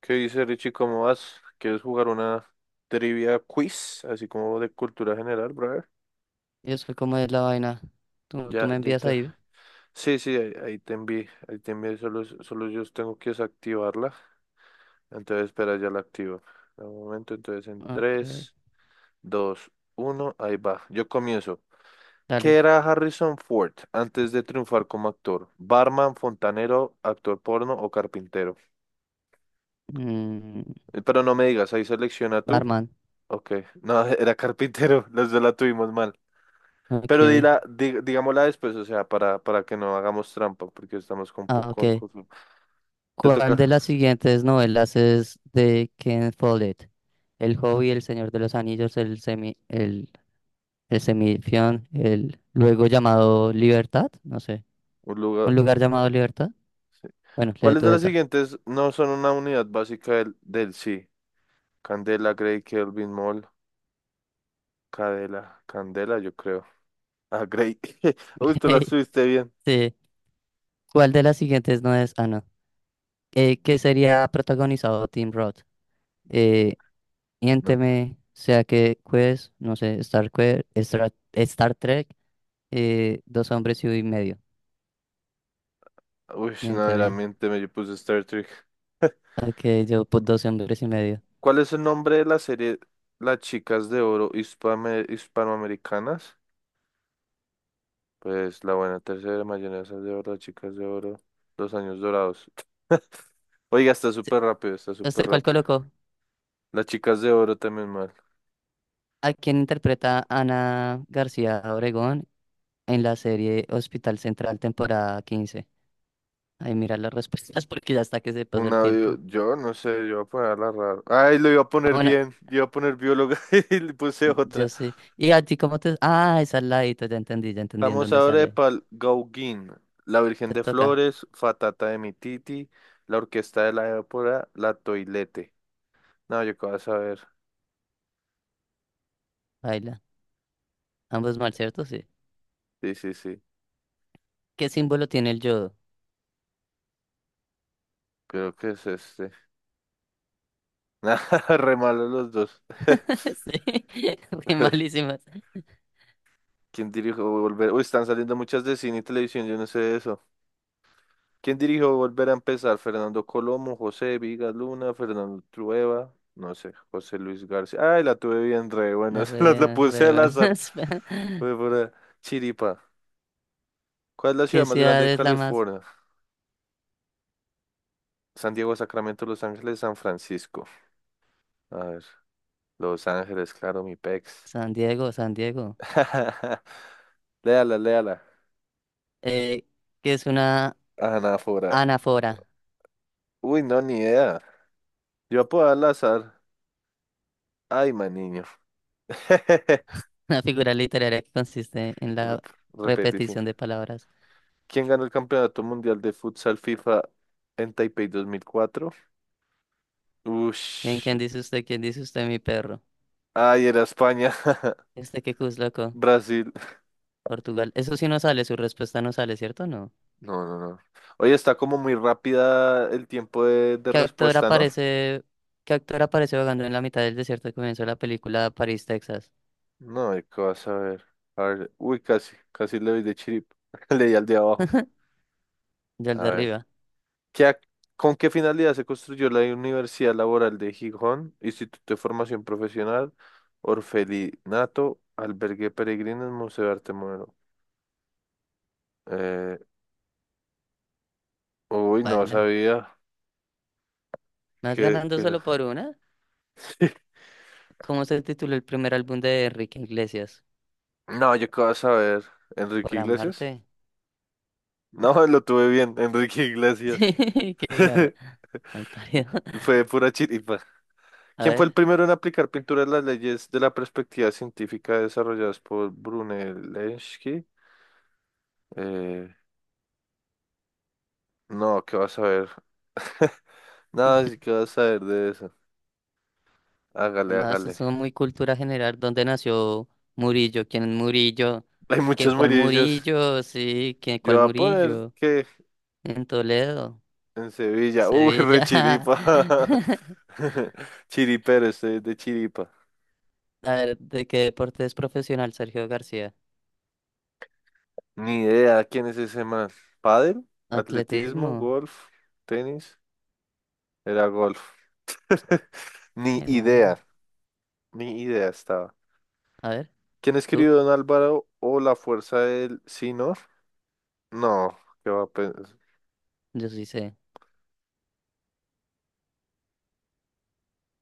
¿Qué dice Richie? ¿Cómo vas? ¿Quieres jugar una trivia quiz? Así como de cultura general, brother. Y después, ¿cómo es la vaina? ¿Tú Ya, me ya envías te... ahí? Sí, sí, ahí te envié. Ahí te envié. Solo yo tengo que desactivarla. Entonces, espera, ya la activo. Un momento, entonces en Ok, tres, dos, uno, ahí va. Yo comienzo. ¿Qué dale. era Harrison Ford antes de triunfar como actor? ¿Barman, fontanero, actor porno o carpintero? Mm, Pero no me digas, ahí selecciona tú. barman. Ok, no, era carpintero, los dos la tuvimos mal. Pero Ok. dila, digámosla después, o sea, para que no hagamos trampa, porque estamos con, po- Ah, con, ok. con- Te ¿Cuál toca de las siguientes novelas es de Ken Follett? El Hobbit, El Señor de los Anillos, El Semi, el Semifión, el luego llamado Libertad, no sé. un lugar. ¿Un lugar llamado Libertad? Sí. Bueno, lee ¿Cuáles tú de las esa. siguientes no son una unidad básica del sí? Candela, Gray, Kelvin, Mol, Cadela, Candela, yo creo. Ah, Gray. Uy, tú la subiste bien. Sí. ¿Cuál de las siguientes no es? Ah, no. Que sería protagonizado Tim Roth. Eh, No. Miénteme, sea que Quest, no sé, Star, Star Trek, dos hombres y medio. Uy, Miénteme. verdaderamente me puse Star Trek. Ok, yo pues dos hombres y medio. ¿Cuál es el nombre de la serie Las chicas de oro hispanoamericanas? Pues la buena tercera, mayonesa de oro, chicas de oro, los años dorados. Oiga, está Sí, súper rápido, está súper ¿usted cuál rápido. colocó? Las chicas de oro también mal. ¿A quién interpreta Ana García Obregón en la serie Hospital Central, temporada 15? Ay, mira las respuestas porque ya está que se pasa el Una, tiempo. yo, no sé, yo voy a ponerla raro. Ay, lo iba a Ah, poner bueno, bien, iba a poner bióloga y le puse yo otra. sé. ¿Y a ti cómo te? Ah, esa es la edito, ya entendí en Vamos dónde ahora de sale. Pal Gauguin, La Virgen Te de toca, Flores, Fatata de mi Titi, La Orquesta de la Épora, La Toilette. No, yo qué vas a ver. baila. Ambos mal, ¿cierto? Sí. Sí, sí, sí. ¿Qué símbolo tiene el yodo? Creo que es este. Nada, re malos los dos. Sí, qué malísimas. ¿Quién dirigió Volver? Uy, están saliendo muchas de cine y televisión, yo no sé de eso. ¿Quién dirigió Volver a empezar? Fernando Colomo, José Vigas Luna, Fernando Trueba, no sé, José Luis García. Ay, la tuve bien re buena, No, se la Re, puse re al azar. buenas. Fue por chiripa. ¿Cuál es la ciudad ¿Qué más grande ciudad de es la más? California? San Diego, Sacramento, Los Ángeles, San Francisco. A ver, Los Ángeles, claro, mi pex. San Diego, San Diego. Léala, léala. Eh, ¿qué es una Anáfora. anáfora? Uy, no, ni idea. Yo puedo al azar. Ay, man, niño. Una figura literaria que consiste en la Rep- Repete, sí. repetición de palabras. ¿Quién ganó el Campeonato Mundial de Futsal FIFA en Taipei 2004? ¿Quién, Ush. quién dice usted? ¿Quién dice usted, mi perro? Ay, era España. ¿Este qué cus, loco? Brasil. Portugal. Eso sí no sale, su respuesta no sale, ¿cierto? No. No, no, no. Oye, está como muy rápida el tiempo de ¿Qué actor respuesta, ¿no? aparece, qué actor aparece vagando en la mitad del desierto al comienzo de la película París, Texas? No, ¿de ¿qué vas a ver? A ver. Uy, casi. Casi le doy de chirip. Leí al de abajo. Ya el A de ver. arriba, ¿Qué ac- ¿Con qué finalidad se construyó la Universidad Laboral de Gijón, Instituto de Formación Profesional, Orfelinato, Albergue de Peregrinos, Museo de Arte Moderno? Eh, uy, no baila. sabía ¿Más que, ganando que... solo por una? ¿Cómo se tituló el primer álbum de Enrique Iglesias? No, yo qué vas a saber. ¿Enrique Por Iglesias? amarte. No, lo tuve bien, Enrique Iglesias. Sí, qué garra. Mal parido. Fue de pura chiripa. A ¿Quién fue el ver. primero en aplicar pintura de las leyes de la perspectiva científica desarrolladas por Brunelleschi? Eh, no, ¿qué vas a ver? No, sí que vas a ver de eso. Hágale, No, eso hágale. es muy cultura general. ¿Dónde nació Murillo? ¿Quién es Murillo? Hay ¿Qué, muchos cuál murillos. Murillo? Sí, ¿qué, Yo cuál voy a poner Murillo? que En Toledo, en Sevilla. Uy, re Sevilla. chiripa. Chiripero, estoy de chiripa. A ver, ¿de qué deporte es profesional Sergio García? Ni idea quién es ese man. ¿Pádel? ¿Atletismo? Atletismo. ¿Golf? ¿Tenis? Era golf. Ni Mi madre. idea. Ni idea estaba. A ver, ¿Quién tú. escribió Don Álvaro o La Fuerza del Sinor? No, qué va a pensar. Yo sí sé.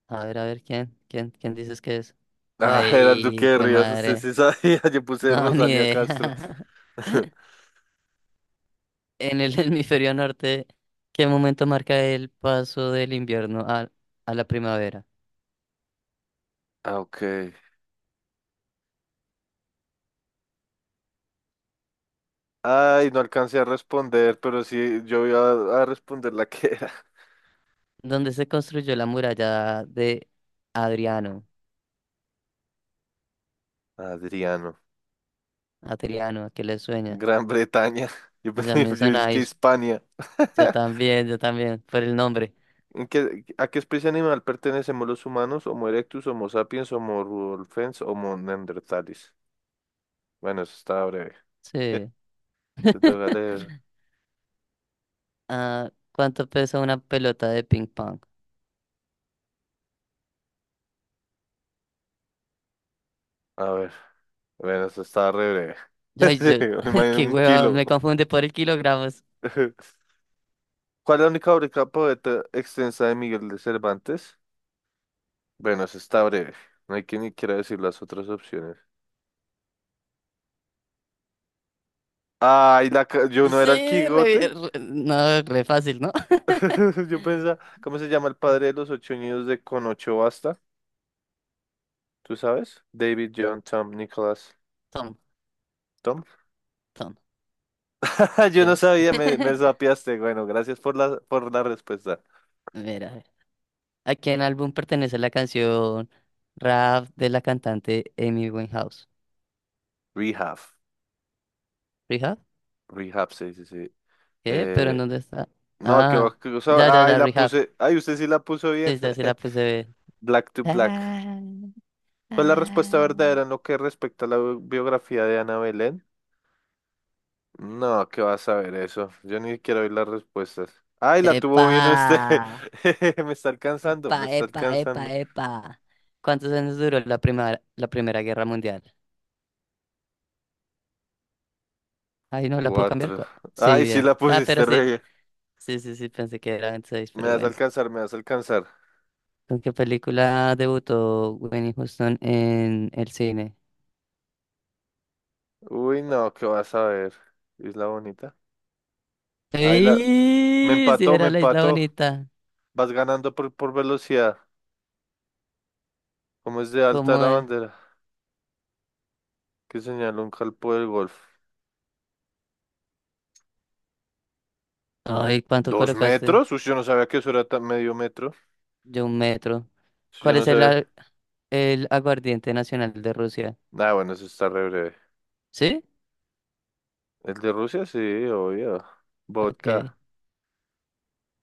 A ver, ¿quién? ¿Quién? ¿Quién dices que es? Ah, era el Duque Ay, de hijo de Rivas, usted madre. sí sabía. Yo puse No, ni Rosalía Castro. idea. En el hemisferio norte, ¿qué momento marca el paso del invierno a la primavera? Ah, ok. Ay, no alcancé a responder, pero sí, yo iba a responder la que era. ¿Dónde se construyó la muralla de Adriano? Adriano. Adriano, ¿a qué le sueña? Gran Bretaña. Yo Ya pensé me yo es que sonáis. Hispania. Yo también, por el nombre. ¿A qué especie animal pertenecemos los humanos? Homo erectus, Homo sapiens, Homo rudolfens, Homo neanderthalis. Bueno, eso estaba breve. Sí. Te toca leer. Ah, ¿cuánto pesa una pelota de ping pong? A ver. Bueno, eso estaba re breve. Ay, Sí, yo, me imagino qué un hueva, kilo. me confunde por el kilogramos. ¿Cuál es la única obra poeta extensa de Miguel de Cervantes? Bueno, eso está breve. No hay que ni quiera decir las otras opciones. Ay, yo no era el Sí, Quijote. No, re fácil, ¿no? Yo pensaba, ¿cómo se llama el padre de los ocho niños de Con ocho basta? ¿Tú sabes? David, John, Tom, Nicholas, Tom, Tom. Tom, Yo ¿sí no es? sabía, me sapeaste. Bueno, gracias por la respuesta. Mira, ¿a quién álbum pertenece la canción Rap de la cantante Amy Winehouse? Rehab. ¿Rehab? Rehab, sí, sí, sí. ¿Qué? ¿Pero en Eh, dónde está? no, Ah, qué ya, ya, cosa. Ay, ya, la Rehab. puse. Ay, usted sí la puso bien. Sí, ya se la puse. Black to Black. Ah, ¿Cuál es la respuesta ah. verdadera en lo que respecta a la biografía de Ana Belén? No, ¿qué vas a ver eso? Yo ni quiero oír las respuestas. Ay, la tuvo ¡Epa! bien usted. Me está alcanzando, Epa, me está epa, alcanzando. epa, epa. ¿Cuántos años duró la Primera Guerra Mundial? Ay, no, la puedo cambiar. Cuatro. Sí, Ay, sí bien. la Ah, pero pusiste re sí, bien. sí, sí, sí, pensé que era 26, Me pero vas a bueno. alcanzar, me vas a alcanzar. ¿Con qué película debutó Winnie Houston en el cine? Uy, no, ¿qué vas a ver? Isla Bonita. Ay, la... Me ¡Sí! Sí, empató, me era La Isla empató. Bonita. Vas ganando por velocidad. ¿Cómo es de alta ¿Cómo la es? bandera? Que señaló un calpo del golf. Ay, ¿cuánto ¿Dos colocaste? metros? Uy, yo no sabía que eso era tan medio metro. Yo un metro. Eso yo ¿Cuál no es sabía. El aguardiente nacional de Rusia? Nah, bueno, eso está re breve. ¿Sí? El de Rusia, sí, obvio. Ok, Vodka.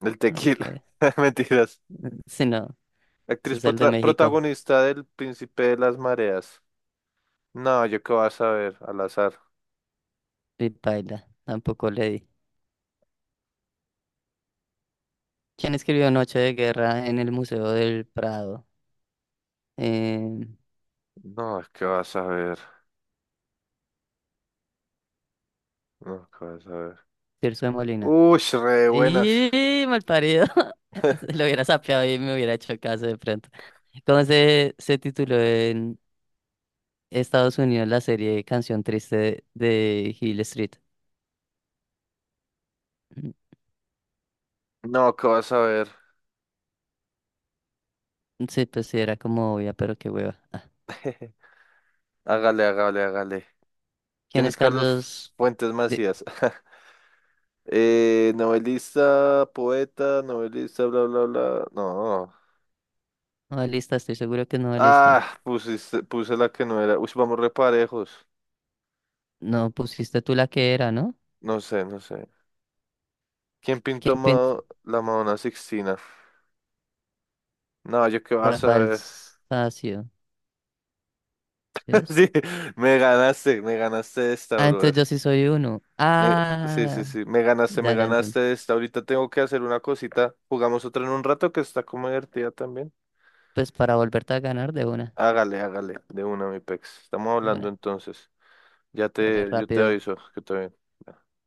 El ok. tequila. Mentiras. Si no, ese Actriz es el de México. protagonista del Príncipe de las Mareas. No, yo qué vas a ver, al azar. Y paila, tampoco le di. ¿Quién escribió Noche de Guerra en el Museo del Prado? Eh, No, qué vas a ver. No, qué vas a ver. Tirso de Molina. Uy, re buenas. ¡Y malparido! Lo hubiera sapeado y me hubiera hecho caso de pronto. ¿Cómo se tituló en Estados Unidos la serie Canción Triste de Hill Street? Mm, No, qué vas a ver. Sí, pues sí, era como obvia, pero qué hueva. Hágale, hágale, hágale. ¿Quién ¿Quién es es Carlos Carlos? Fuentes De. Macías? Novelista, poeta, novelista, bla, bla, bla. No. Novelista, estoy seguro que es novelista. Ah, pusiste, puse la que no era. Uy, vamos reparejos. No pusiste tú la que era, ¿no? No sé, no sé. ¿Quién pintó ¿Quién pintó? La Madonna Sixtina? No, yo qué vas a Rafael ver. Sanzio. ¿Sí ves? Sí, me ganaste esta, Ah, brother. entonces yo sí soy uno. Sí, sí, Ah, sí, me ya entendí. ganaste esta. Ahorita tengo que hacer una cosita. Jugamos otra en un rato que está como divertida también. Pues para volverte a ganar de una, Hágale, hágale, de una, mi pex. Estamos de hablando una. entonces. Dale Yo te rápido. aviso que te ven.